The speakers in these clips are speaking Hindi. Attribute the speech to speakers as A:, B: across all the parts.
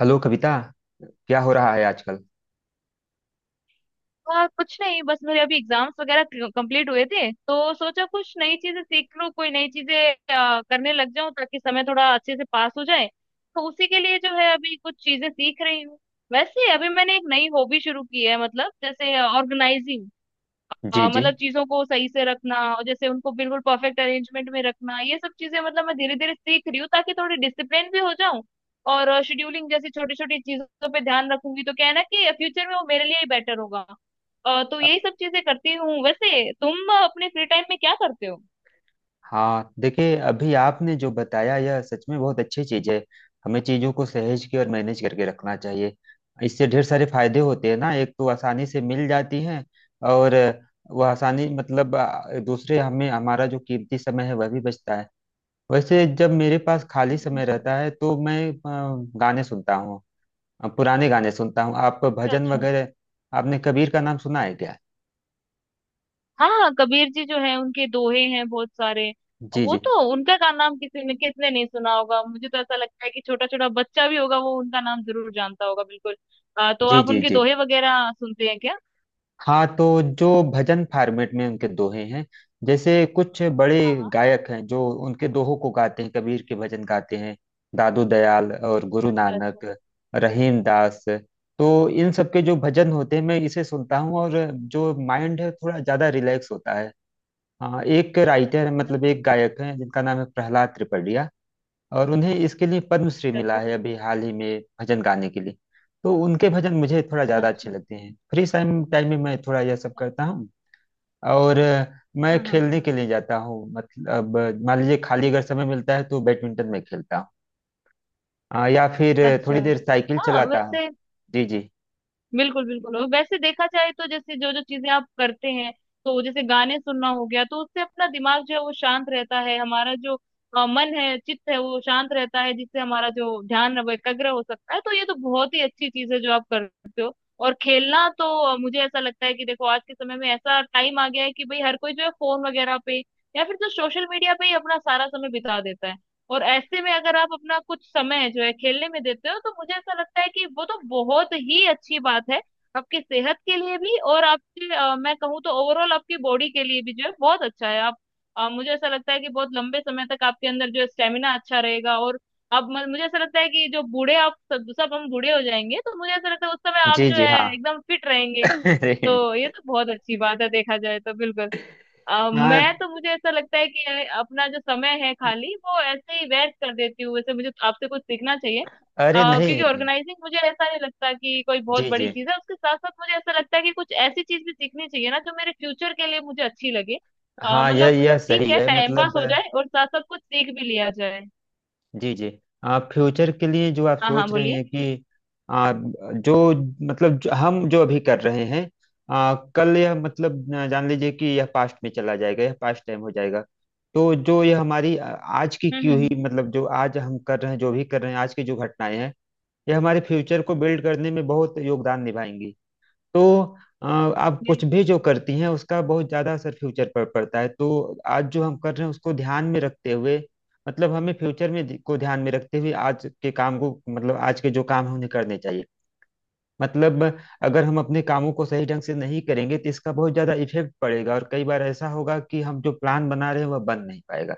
A: हेलो कविता। क्या हो रहा है आजकल?
B: और कुछ नहीं, बस मेरे अभी एग्जाम्स वगैरह कंप्लीट हुए थे तो सोचा कुछ नई चीजें सीख लूं, कोई नई चीजें करने लग जाऊं ताकि समय थोड़ा अच्छे से पास हो जाए। तो उसी के लिए जो है अभी कुछ चीजें सीख रही हूँ। वैसे अभी मैंने एक नई हॉबी शुरू की है, मतलब जैसे ऑर्गेनाइजिंग।
A: जी जी।
B: मतलब चीजों को सही से रखना और जैसे उनको बिल्कुल परफेक्ट अरेंजमेंट में रखना, ये सब चीजें मतलब मैं धीरे धीरे सीख रही हूँ ताकि थोड़ी डिसिप्लिन भी हो जाऊं और शेड्यूलिंग जैसी छोटी छोटी चीजों पे ध्यान रखूंगी, तो क्या है ना कि फ्यूचर में वो मेरे लिए ही बेटर होगा। तो
A: अ-
B: यही सब चीजें करती हूँ। वैसे तुम अपने फ्री टाइम में क्या करते हो?
A: हाँ, देखिए अभी आपने जो बताया यह सच में बहुत अच्छी चीज है। हमें चीजों को सहेज के और मैनेज करके रखना चाहिए। इससे ढेर सारे फायदे होते हैं ना, एक तो आसानी से मिल जाती हैं। और वह आसानी मतलब दूसरे हमें हमारा जो कीमती समय है वह भी बचता है। वैसे जब मेरे पास खाली समय
B: अच्छा।
A: रहता है तो मैं गाने सुनता हूँ। पुराने गाने सुनता हूँ, आप भजन
B: अच्छा।
A: वगैरह? आपने कबीर का नाम सुना है क्या?
B: हाँ, कबीर जी जो है उनके दोहे हैं बहुत सारे।
A: जी
B: वो
A: जी
B: तो उनका का नाम किसी ने किसने नहीं सुना होगा, मुझे तो ऐसा लगता है कि छोटा छोटा बच्चा भी होगा वो उनका नाम जरूर जानता होगा, बिल्कुल। तो
A: जी।
B: आप
A: जी
B: उनके
A: जी।
B: दोहे वगैरह सुनते हैं क्या?
A: हाँ, तो जो भजन फॉर्मेट में उनके दोहे हैं, जैसे कुछ बड़े
B: हाँ, हाँ।
A: गायक हैं जो उनके दोहों को गाते हैं, कबीर के भजन गाते हैं। दादू दयाल और गुरु
B: अच्छा अच्छा।
A: नानक, रहीम दास। तो इन सब के जो भजन होते हैं मैं इसे सुनता हूँ, और जो माइंड है थोड़ा ज्यादा रिलैक्स होता है। हाँ, एक राइटर है मतलब एक गायक है जिनका नाम है प्रहलाद त्रिपाठिया, और उन्हें इसके लिए पद्मश्री मिला
B: अच्छा
A: है अभी हाल ही में भजन गाने के लिए। तो उनके भजन मुझे थोड़ा
B: अच्छा।
A: ज़्यादा
B: अच्छा।
A: अच्छे लगते हैं। फ्री टाइम टाइम में मैं थोड़ा यह सब करता हूँ। और मैं
B: हाँ हाँ।
A: खेलने के लिए जाता हूँ मतलब मान लीजिए, खाली अगर समय मिलता है तो बैडमिंटन में खेलता हूँ। या फिर थोड़ी
B: अच्छा।
A: देर साइकिल
B: हाँ
A: चलाता हूँ।
B: वैसे,
A: जी जी।
B: बिल्कुल बिल्कुल। और वैसे देखा जाए तो जैसे जो जो चीजें आप करते हैं, तो जैसे गाने सुनना हो गया तो उससे अपना दिमाग जो है वो शांत रहता है, हमारा जो मन है, चित्त है वो शांत रहता है, जिससे हमारा जो ध्यान है वो एकाग्र हो सकता है। तो ये तो बहुत ही अच्छी चीज है जो आप करते हो। और खेलना तो मुझे ऐसा लगता है कि देखो आज के समय में ऐसा टाइम आ गया है कि भाई हर कोई जो है फोन वगैरह पे या फिर तो सोशल मीडिया पे ही अपना सारा समय बिता देता है। और ऐसे में अगर आप अपना कुछ समय जो है खेलने में देते हो तो मुझे ऐसा लगता है कि वो तो बहुत ही अच्छी बात है, आपकी सेहत के लिए भी और आपके मैं कहूँ तो ओवरऑल आपकी बॉडी के लिए भी जो है बहुत अच्छा है। आप मुझे ऐसा लगता है कि बहुत लंबे समय तक आपके अंदर जो है स्टेमिना अच्छा रहेगा। और अब मुझे ऐसा लगता है कि जो बूढ़े आप सब सब हम बूढ़े हो जाएंगे तो मुझे ऐसा लगता है उस समय आप
A: जी
B: जो
A: जी। हाँ।
B: है एकदम फिट रहेंगे।
A: अरे।
B: तो ये तो बहुत अच्छी बात है देखा जाए तो, बिल्कुल।
A: हाँ।
B: मैं तो मुझे ऐसा लगता है कि यार अपना जो समय है खाली वो ऐसे ही व्यर्थ कर देती हूँ, वैसे मुझे आपसे कुछ सीखना चाहिए।
A: अरे
B: क्योंकि
A: नहीं।
B: ऑर्गेनाइजिंग मुझे ऐसा नहीं लगता कि कोई बहुत
A: जी
B: बड़ी
A: जी।
B: चीज है, उसके साथ साथ मुझे ऐसा लगता है कि कुछ ऐसी चीज भी सीखनी चाहिए ना जो मेरे फ्यूचर के लिए मुझे अच्छी लगे।
A: हाँ, यह
B: मतलब
A: यह
B: ठीक
A: सही
B: है
A: है
B: टाइम पास
A: मतलब।
B: हो जाए और साथ साथ कुछ सीख भी लिया जाए।
A: जी जी। आप फ्यूचर के लिए जो आप
B: हाँ हाँ,
A: सोच रहे
B: बोलिए।
A: हैं कि आप जो मतलब जो हम जो अभी कर रहे हैं, कल यह मतलब जान लीजिए कि यह पास्ट में चला जाएगा, यह पास्ट टाइम हो जाएगा। तो जो यह हमारी आज की
B: हम्म हम्म
A: क्यों ही
B: हम्म,
A: मतलब जो आज हम कर रहे हैं, जो भी कर रहे हैं, आज की जो घटनाएं हैं, यह हमारे फ्यूचर को बिल्ड करने में बहुत योगदान निभाएंगी। तो आप कुछ भी
B: बिल्कुल।
A: जो करती हैं उसका बहुत ज्यादा असर फ्यूचर पर पड़ता है। तो आज जो हम कर रहे हैं उसको ध्यान में रखते हुए मतलब हमें फ्यूचर में को ध्यान में रखते हुए आज के काम को मतलब आज के जो काम हैं उन्हें करने चाहिए। मतलब अगर हम अपने कामों को सही ढंग से नहीं करेंगे तो इसका बहुत ज्यादा इफेक्ट पड़ेगा, और कई बार ऐसा होगा कि हम जो प्लान बना रहे हैं वह बन नहीं पाएगा,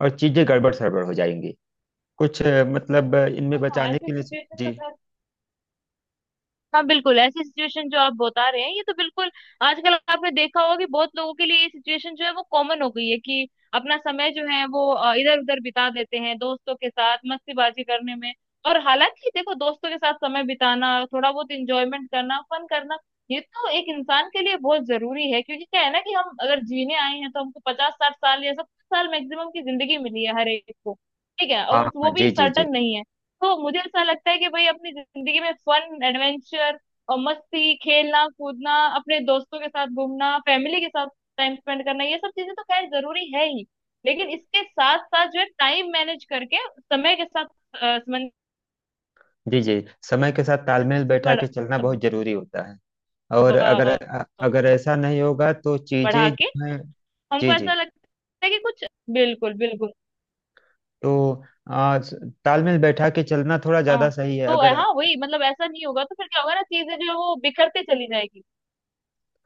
A: और चीजें गड़बड़ सड़बड़ हो जाएंगी। कुछ मतलब इनमें
B: हाँ,
A: बचाने
B: ऐसी
A: के लिए।
B: सिचुएशन,
A: जी।
B: हाँ बिल्कुल ऐसी सिचुएशन जो आप बता रहे हैं ये तो बिल्कुल। आजकल आपने देखा होगा कि बहुत लोगों के लिए ये सिचुएशन जो है वो कॉमन हो गई है कि अपना समय जो है वो इधर उधर बिता देते हैं, दोस्तों के साथ मस्तीबाजी करने में। और हालांकि देखो दोस्तों के साथ समय बिताना, थोड़ा बहुत इंजॉयमेंट करना, फन करना ये तो एक इंसान के लिए बहुत जरूरी है, क्योंकि क्या है ना कि हम अगर जीने आए हैं तो हमको 50 60 साल या 70 साल मैक्सिमम की जिंदगी मिली है हर एक को, ठीक है। और
A: हाँ हाँ।
B: वो भी
A: जी जी जी।
B: सर्टन नहीं है। तो मुझे ऐसा लगता है कि भाई अपनी जिंदगी में फन, एडवेंचर और मस्ती, खेलना कूदना, अपने दोस्तों के साथ घूमना, फैमिली के साथ टाइम स्पेंड करना, ये सब चीजें तो खैर जरूरी है ही। लेकिन इसके साथ साथ जो है टाइम मैनेज करके समय के साथ समंजस
A: जी जी। समय के साथ तालमेल बैठा के
B: बढ़ा,
A: चलना बहुत जरूरी होता है। और
B: ब-
A: अगर ऐसा नहीं होगा तो
B: बढ़ा
A: चीजें
B: के
A: जो हैं।
B: हमको
A: जी जी।
B: ऐसा लगता है कि कुछ, बिल्कुल बिल्कुल।
A: तो आ, स- तालमेल बैठा के चलना थोड़ा ज्यादा
B: हाँ,
A: सही है
B: तो
A: अगर।
B: हाँ वही मतलब ऐसा नहीं होगा तो फिर क्या होगा ना, चीजें जो है वो बिखरते चली जाएगी।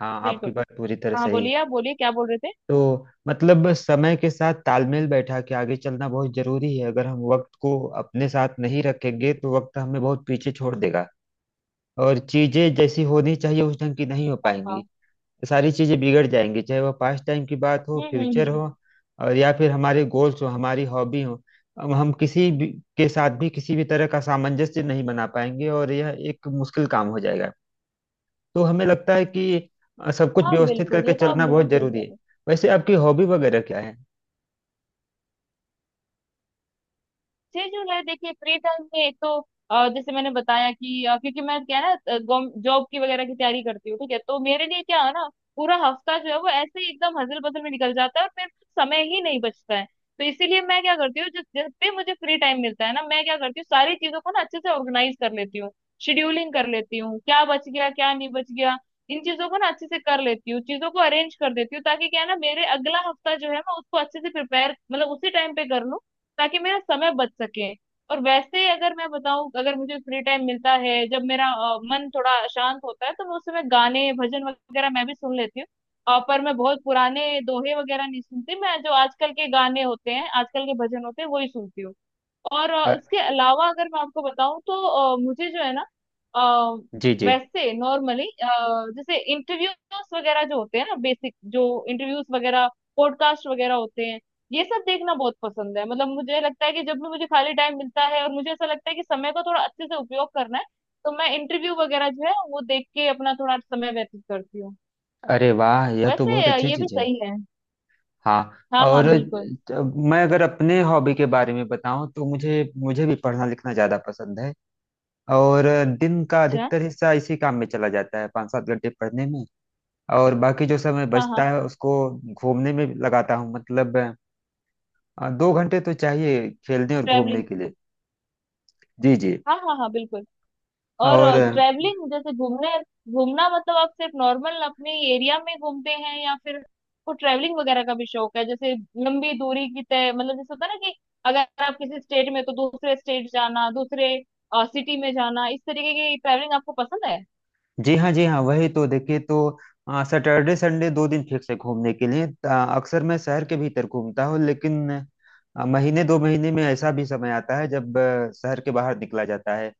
A: हाँ, आपकी
B: बिल्कुल।
A: बात पूरी तरह
B: हाँ,
A: सही है।
B: बोलिए, आप बोलिए क्या बोल रहे थे।
A: तो मतलब समय के साथ तालमेल बैठा के आगे चलना बहुत जरूरी है। अगर हम वक्त को अपने साथ नहीं रखेंगे तो वक्त हमें बहुत पीछे छोड़ देगा, और चीजें जैसी होनी चाहिए उस ढंग की नहीं हो
B: हाँ हाँ।
A: पाएंगी। तो सारी चीजें बिगड़ जाएंगी, चाहे वह पास्ट टाइम की बात हो, फ्यूचर
B: हम्म।
A: हो, और या फिर हमारे गोल्स हो, हमारी हॉबी हो। अब हम किसी भी के साथ भी किसी भी तरह का सामंजस्य नहीं बना पाएंगे, और यह एक मुश्किल काम हो जाएगा। तो हमें लगता है कि सब कुछ
B: हाँ
A: व्यवस्थित
B: बिल्कुल
A: करके
B: ये तो आप
A: चलना बहुत
B: बिल्कुल सही
A: जरूरी
B: कह
A: है।
B: रहे।
A: वैसे आपकी हॉबी वगैरह क्या है?
B: 6 जुलाई देखिए फ्री टाइम में एक तो जैसे मैंने बताया कि क्योंकि मैं क्या है ना, जॉब की वगैरह की तैयारी करती हूँ, ठीक है, तो मेरे लिए क्या है ना पूरा हफ्ता जो है वो ऐसे ही एकदम हजल बजल में निकल जाता है और मेरे पास समय ही नहीं बचता है। तो इसीलिए मैं क्या करती हूँ, जिस जब भी मुझे फ्री टाइम मिलता है ना मैं क्या करती हूँ, सारी चीजों को ना अच्छे से ऑर्गेनाइज कर लेती हूँ, शेड्यूलिंग कर लेती हूँ, क्या बच गया क्या नहीं बच गया, इन चीजों को ना अच्छे से कर लेती हूँ, चीजों को अरेंज कर देती हूँ ताकि क्या है ना मेरे अगला हफ्ता जो है मैं उसको अच्छे से प्रिपेयर मतलब उसी टाइम पे कर लूँ, ताकि मेरा समय बच सके। और वैसे अगर मैं बताऊं, अगर मुझे फ्री टाइम मिलता है जब मेरा मन थोड़ा शांत होता है तो मैं उस समय गाने भजन वगैरह मैं भी सुन लेती हूँ। पर मैं बहुत पुराने दोहे वगैरह नहीं सुनती, मैं जो आजकल के गाने होते हैं, आजकल के भजन होते हैं वही सुनती हूँ। और
A: अ,
B: उसके अलावा अगर मैं आपको बताऊं तो मुझे जो है ना, अ,
A: जी जी।
B: वैसे नॉर्मली जैसे इंटरव्यूज वगैरह जो होते हैं ना बेसिक जो इंटरव्यूज वगैरह, पॉडकास्ट वगैरह होते हैं ये सब देखना बहुत पसंद है। मतलब मुझे लगता है कि जब भी मुझे खाली टाइम मिलता है और मुझे ऐसा लगता है कि समय का थोड़ा अच्छे से उपयोग करना है, तो मैं इंटरव्यू वगैरह जो है वो देख के अपना थोड़ा समय व्यतीत करती हूँ।
A: अरे वाह, यह तो
B: वैसे
A: बहुत अच्छी
B: ये भी
A: चीज है।
B: सही है।
A: हाँ।
B: हाँ हाँ
A: और
B: बिल्कुल।
A: मैं अगर अपने हॉबी के बारे में बताऊं तो मुझे मुझे भी पढ़ना लिखना ज्यादा पसंद है। और दिन का
B: अच्छा।
A: अधिकतर हिस्सा इसी काम में चला जाता है, 5-7 घंटे पढ़ने में। और बाकी जो समय
B: हाँ हाँ,
A: बचता है उसको घूमने में लगाता हूँ मतलब 2 घंटे तो चाहिए खेलने और घूमने
B: ट्रैवलिंग।
A: के लिए। जी जी।
B: हाँ हाँ हाँ बिल्कुल। और
A: और
B: ट्रैवलिंग, जैसे घूमने, घूमना मतलब आप सिर्फ नॉर्मल अपने एरिया में घूमते हैं या फिर आपको ट्रैवलिंग वगैरह का भी शौक है, जैसे लंबी दूरी की तय मतलब जैसे होता है ना कि अगर आप किसी स्टेट में तो दूसरे स्टेट जाना, दूसरे सिटी में जाना, इस तरीके की ट्रैवलिंग आपको पसंद है?
A: जी हाँ जी हाँ, वही तो देखिए। तो सैटरडे संडे 2 दिन फिक्स है घूमने के लिए। अक्सर मैं शहर के भीतर घूमता हूँ, लेकिन महीने 2 महीने में ऐसा भी समय आता है जब शहर के बाहर निकला जाता है।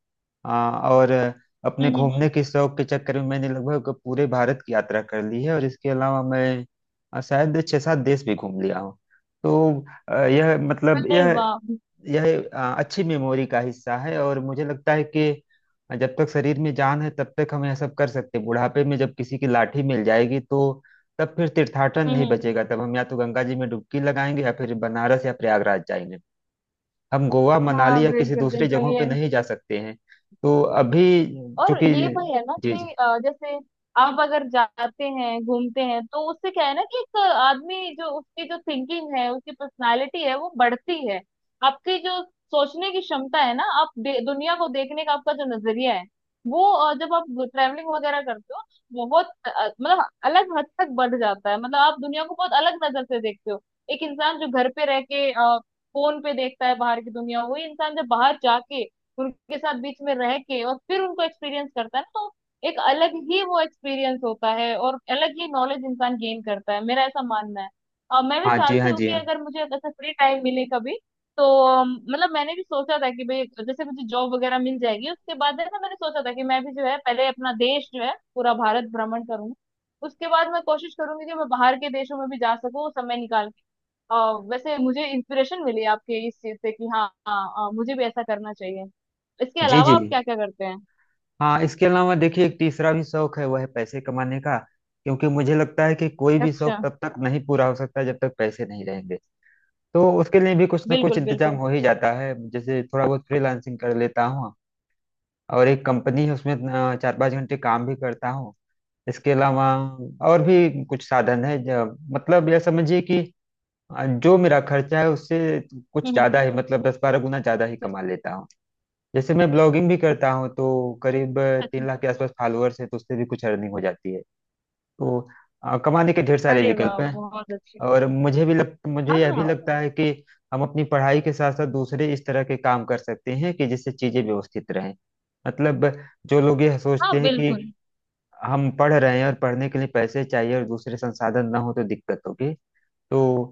A: हाँ, और
B: हम्म
A: अपने
B: हम्म
A: घूमने
B: हम्म।
A: के शौक के चक्कर में मैंने लगभग पूरे भारत की यात्रा कर ली है, और इसके अलावा मैं शायद छह सात देश भी घूम लिया हूँ। तो यह मतलब
B: अरे
A: यह
B: वाह, हम्म।
A: यह अ, अच्छी मेमोरी का हिस्सा है। और मुझे लगता है कि जब तक शरीर में जान है तब तक हम यह सब कर सकते हैं। बुढ़ापे में जब किसी की लाठी मिल जाएगी तो तब फिर तीर्थाटन नहीं
B: हम्म।
A: बचेगा। तब हम या तो गंगा जी में डुबकी लगाएंगे या फिर बनारस या प्रयागराज जाएंगे। हम गोवा
B: हाँ
A: मनाली या किसी
B: बिल्कुल
A: दूसरी
B: बिल्कुल
A: जगहों पे
B: ये।
A: नहीं जा सकते हैं। तो अभी
B: और
A: चूंकि।
B: ये वही है ना
A: जी जी।
B: कि जैसे आप अगर जाते हैं घूमते हैं तो उससे क्या है ना कि एक आदमी जो उसकी जो थिंकिंग है उसकी पर्सनालिटी है वो बढ़ती है। आपकी जो सोचने की क्षमता है ना, आप दुनिया को देखने का आपका जो नजरिया है वो जब आप ट्रैवलिंग वगैरह करते हो बहुत मतलब अलग हद तक बढ़ जाता है, मतलब आप दुनिया को बहुत अलग नजर से देखते हो। एक इंसान जो घर पे रह के फोन पे देखता है बाहर की दुनिया, वही इंसान जब बाहर जाके उनके साथ बीच में रह के और फिर उनको एक्सपीरियंस करता है ना तो एक अलग ही वो एक्सपीरियंस होता है और अलग ही नॉलेज इंसान गेन करता है, मेरा ऐसा मानना है। और मैं भी
A: हाँ जी
B: चाहती
A: हाँ,
B: हूँ
A: जी
B: कि
A: हाँ।
B: अगर मुझे ऐसा फ्री टाइम मिले कभी, तो मतलब मैंने भी सोचा था कि भाई जैसे मुझे जॉब वगैरह मिल जाएगी उसके बाद है ना, मैंने सोचा था कि मैं भी जो है पहले अपना देश जो है पूरा भारत भ्रमण करूंगी, उसके बाद मैं कोशिश करूंगी कि मैं बाहर के देशों में भी जा सकूं समय निकाल। अ, वैसे मुझे इंस्पिरेशन मिली आपके इस चीज से कि हाँ हाँ, मुझे भी ऐसा करना चाहिए। इसके
A: जी
B: अलावा
A: जी।
B: आप क्या क्या करते हैं?
A: हाँ, इसके अलावा देखिए एक तीसरा भी शौक है, वह है पैसे कमाने का, क्योंकि मुझे लगता है कि कोई भी
B: अच्छा।
A: शौक तब तक नहीं पूरा हो सकता जब तक पैसे नहीं रहेंगे। तो उसके लिए भी कुछ ना कुछ
B: बिल्कुल
A: इंतजाम
B: बिल्कुल।
A: हो ही जाता है, जैसे थोड़ा बहुत फ्रीलांसिंग कर लेता हूँ, और एक कंपनी है उसमें 4-5 घंटे काम भी करता हूँ। इसके अलावा और भी कुछ साधन है, जो मतलब यह समझिए कि जो मेरा खर्चा है उससे कुछ
B: हम्म हम्म,
A: ज्यादा ही मतलब 10-12 गुना ज्यादा ही
B: अच्छा।
A: कमा लेता हूँ। जैसे मैं ब्लॉगिंग भी करता हूँ तो करीब
B: अच्छा।
A: 3 लाख के आसपास फॉलोअर्स है, तो उससे भी कुछ अर्निंग हो जाती है। तो कमाने के ढेर सारे
B: अरे
A: विकल्प
B: वाह,
A: हैं।
B: बहुत अच्छे।
A: और मुझे
B: हाँ
A: यह भी
B: हाँ
A: लगता है कि हम अपनी पढ़ाई के साथ साथ दूसरे इस तरह के काम कर सकते हैं कि जिससे चीजें व्यवस्थित रहें। मतलब जो लोग ये
B: हाँ
A: सोचते हैं कि
B: बिल्कुल।
A: हम पढ़ रहे हैं और पढ़ने के लिए पैसे चाहिए और दूसरे संसाधन ना हो तो दिक्कत होगी, तो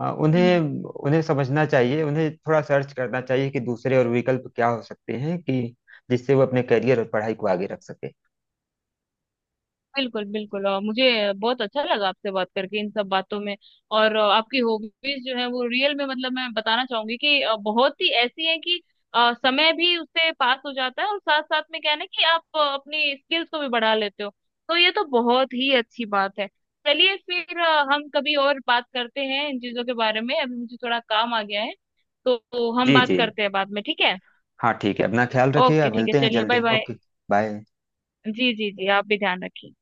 A: अ,
B: हम्म हम्म।
A: उन्हें उन्हें समझना चाहिए, उन्हें थोड़ा सर्च करना चाहिए कि दूसरे और विकल्प क्या हो सकते हैं, कि जिससे वो अपने करियर और पढ़ाई को आगे रख सके।
B: बिल्कुल बिल्कुल, और मुझे बहुत अच्छा लगा आपसे बात करके इन सब बातों में। और आपकी हॉबीज जो है वो रियल में, मतलब मैं बताना चाहूंगी कि बहुत ही ऐसी है कि समय भी उससे पास हो जाता है और साथ साथ में क्या है ना कि आप अपनी स्किल्स को भी बढ़ा लेते हो, तो ये तो बहुत ही अच्छी बात है। चलिए फिर हम कभी और बात करते हैं इन चीजों के बारे में, अभी मुझे थोड़ा काम आ गया है। तो हम
A: जी
B: बात
A: जी।
B: करते हैं बाद में, ठीक है?
A: हाँ, ठीक है, अपना ख्याल रखिएगा,
B: ओके ठीक है,
A: मिलते हैं
B: चलिए बाय
A: जल्दी।
B: बाय।
A: Okay bye.
B: जी जी जी, आप भी ध्यान रखिए।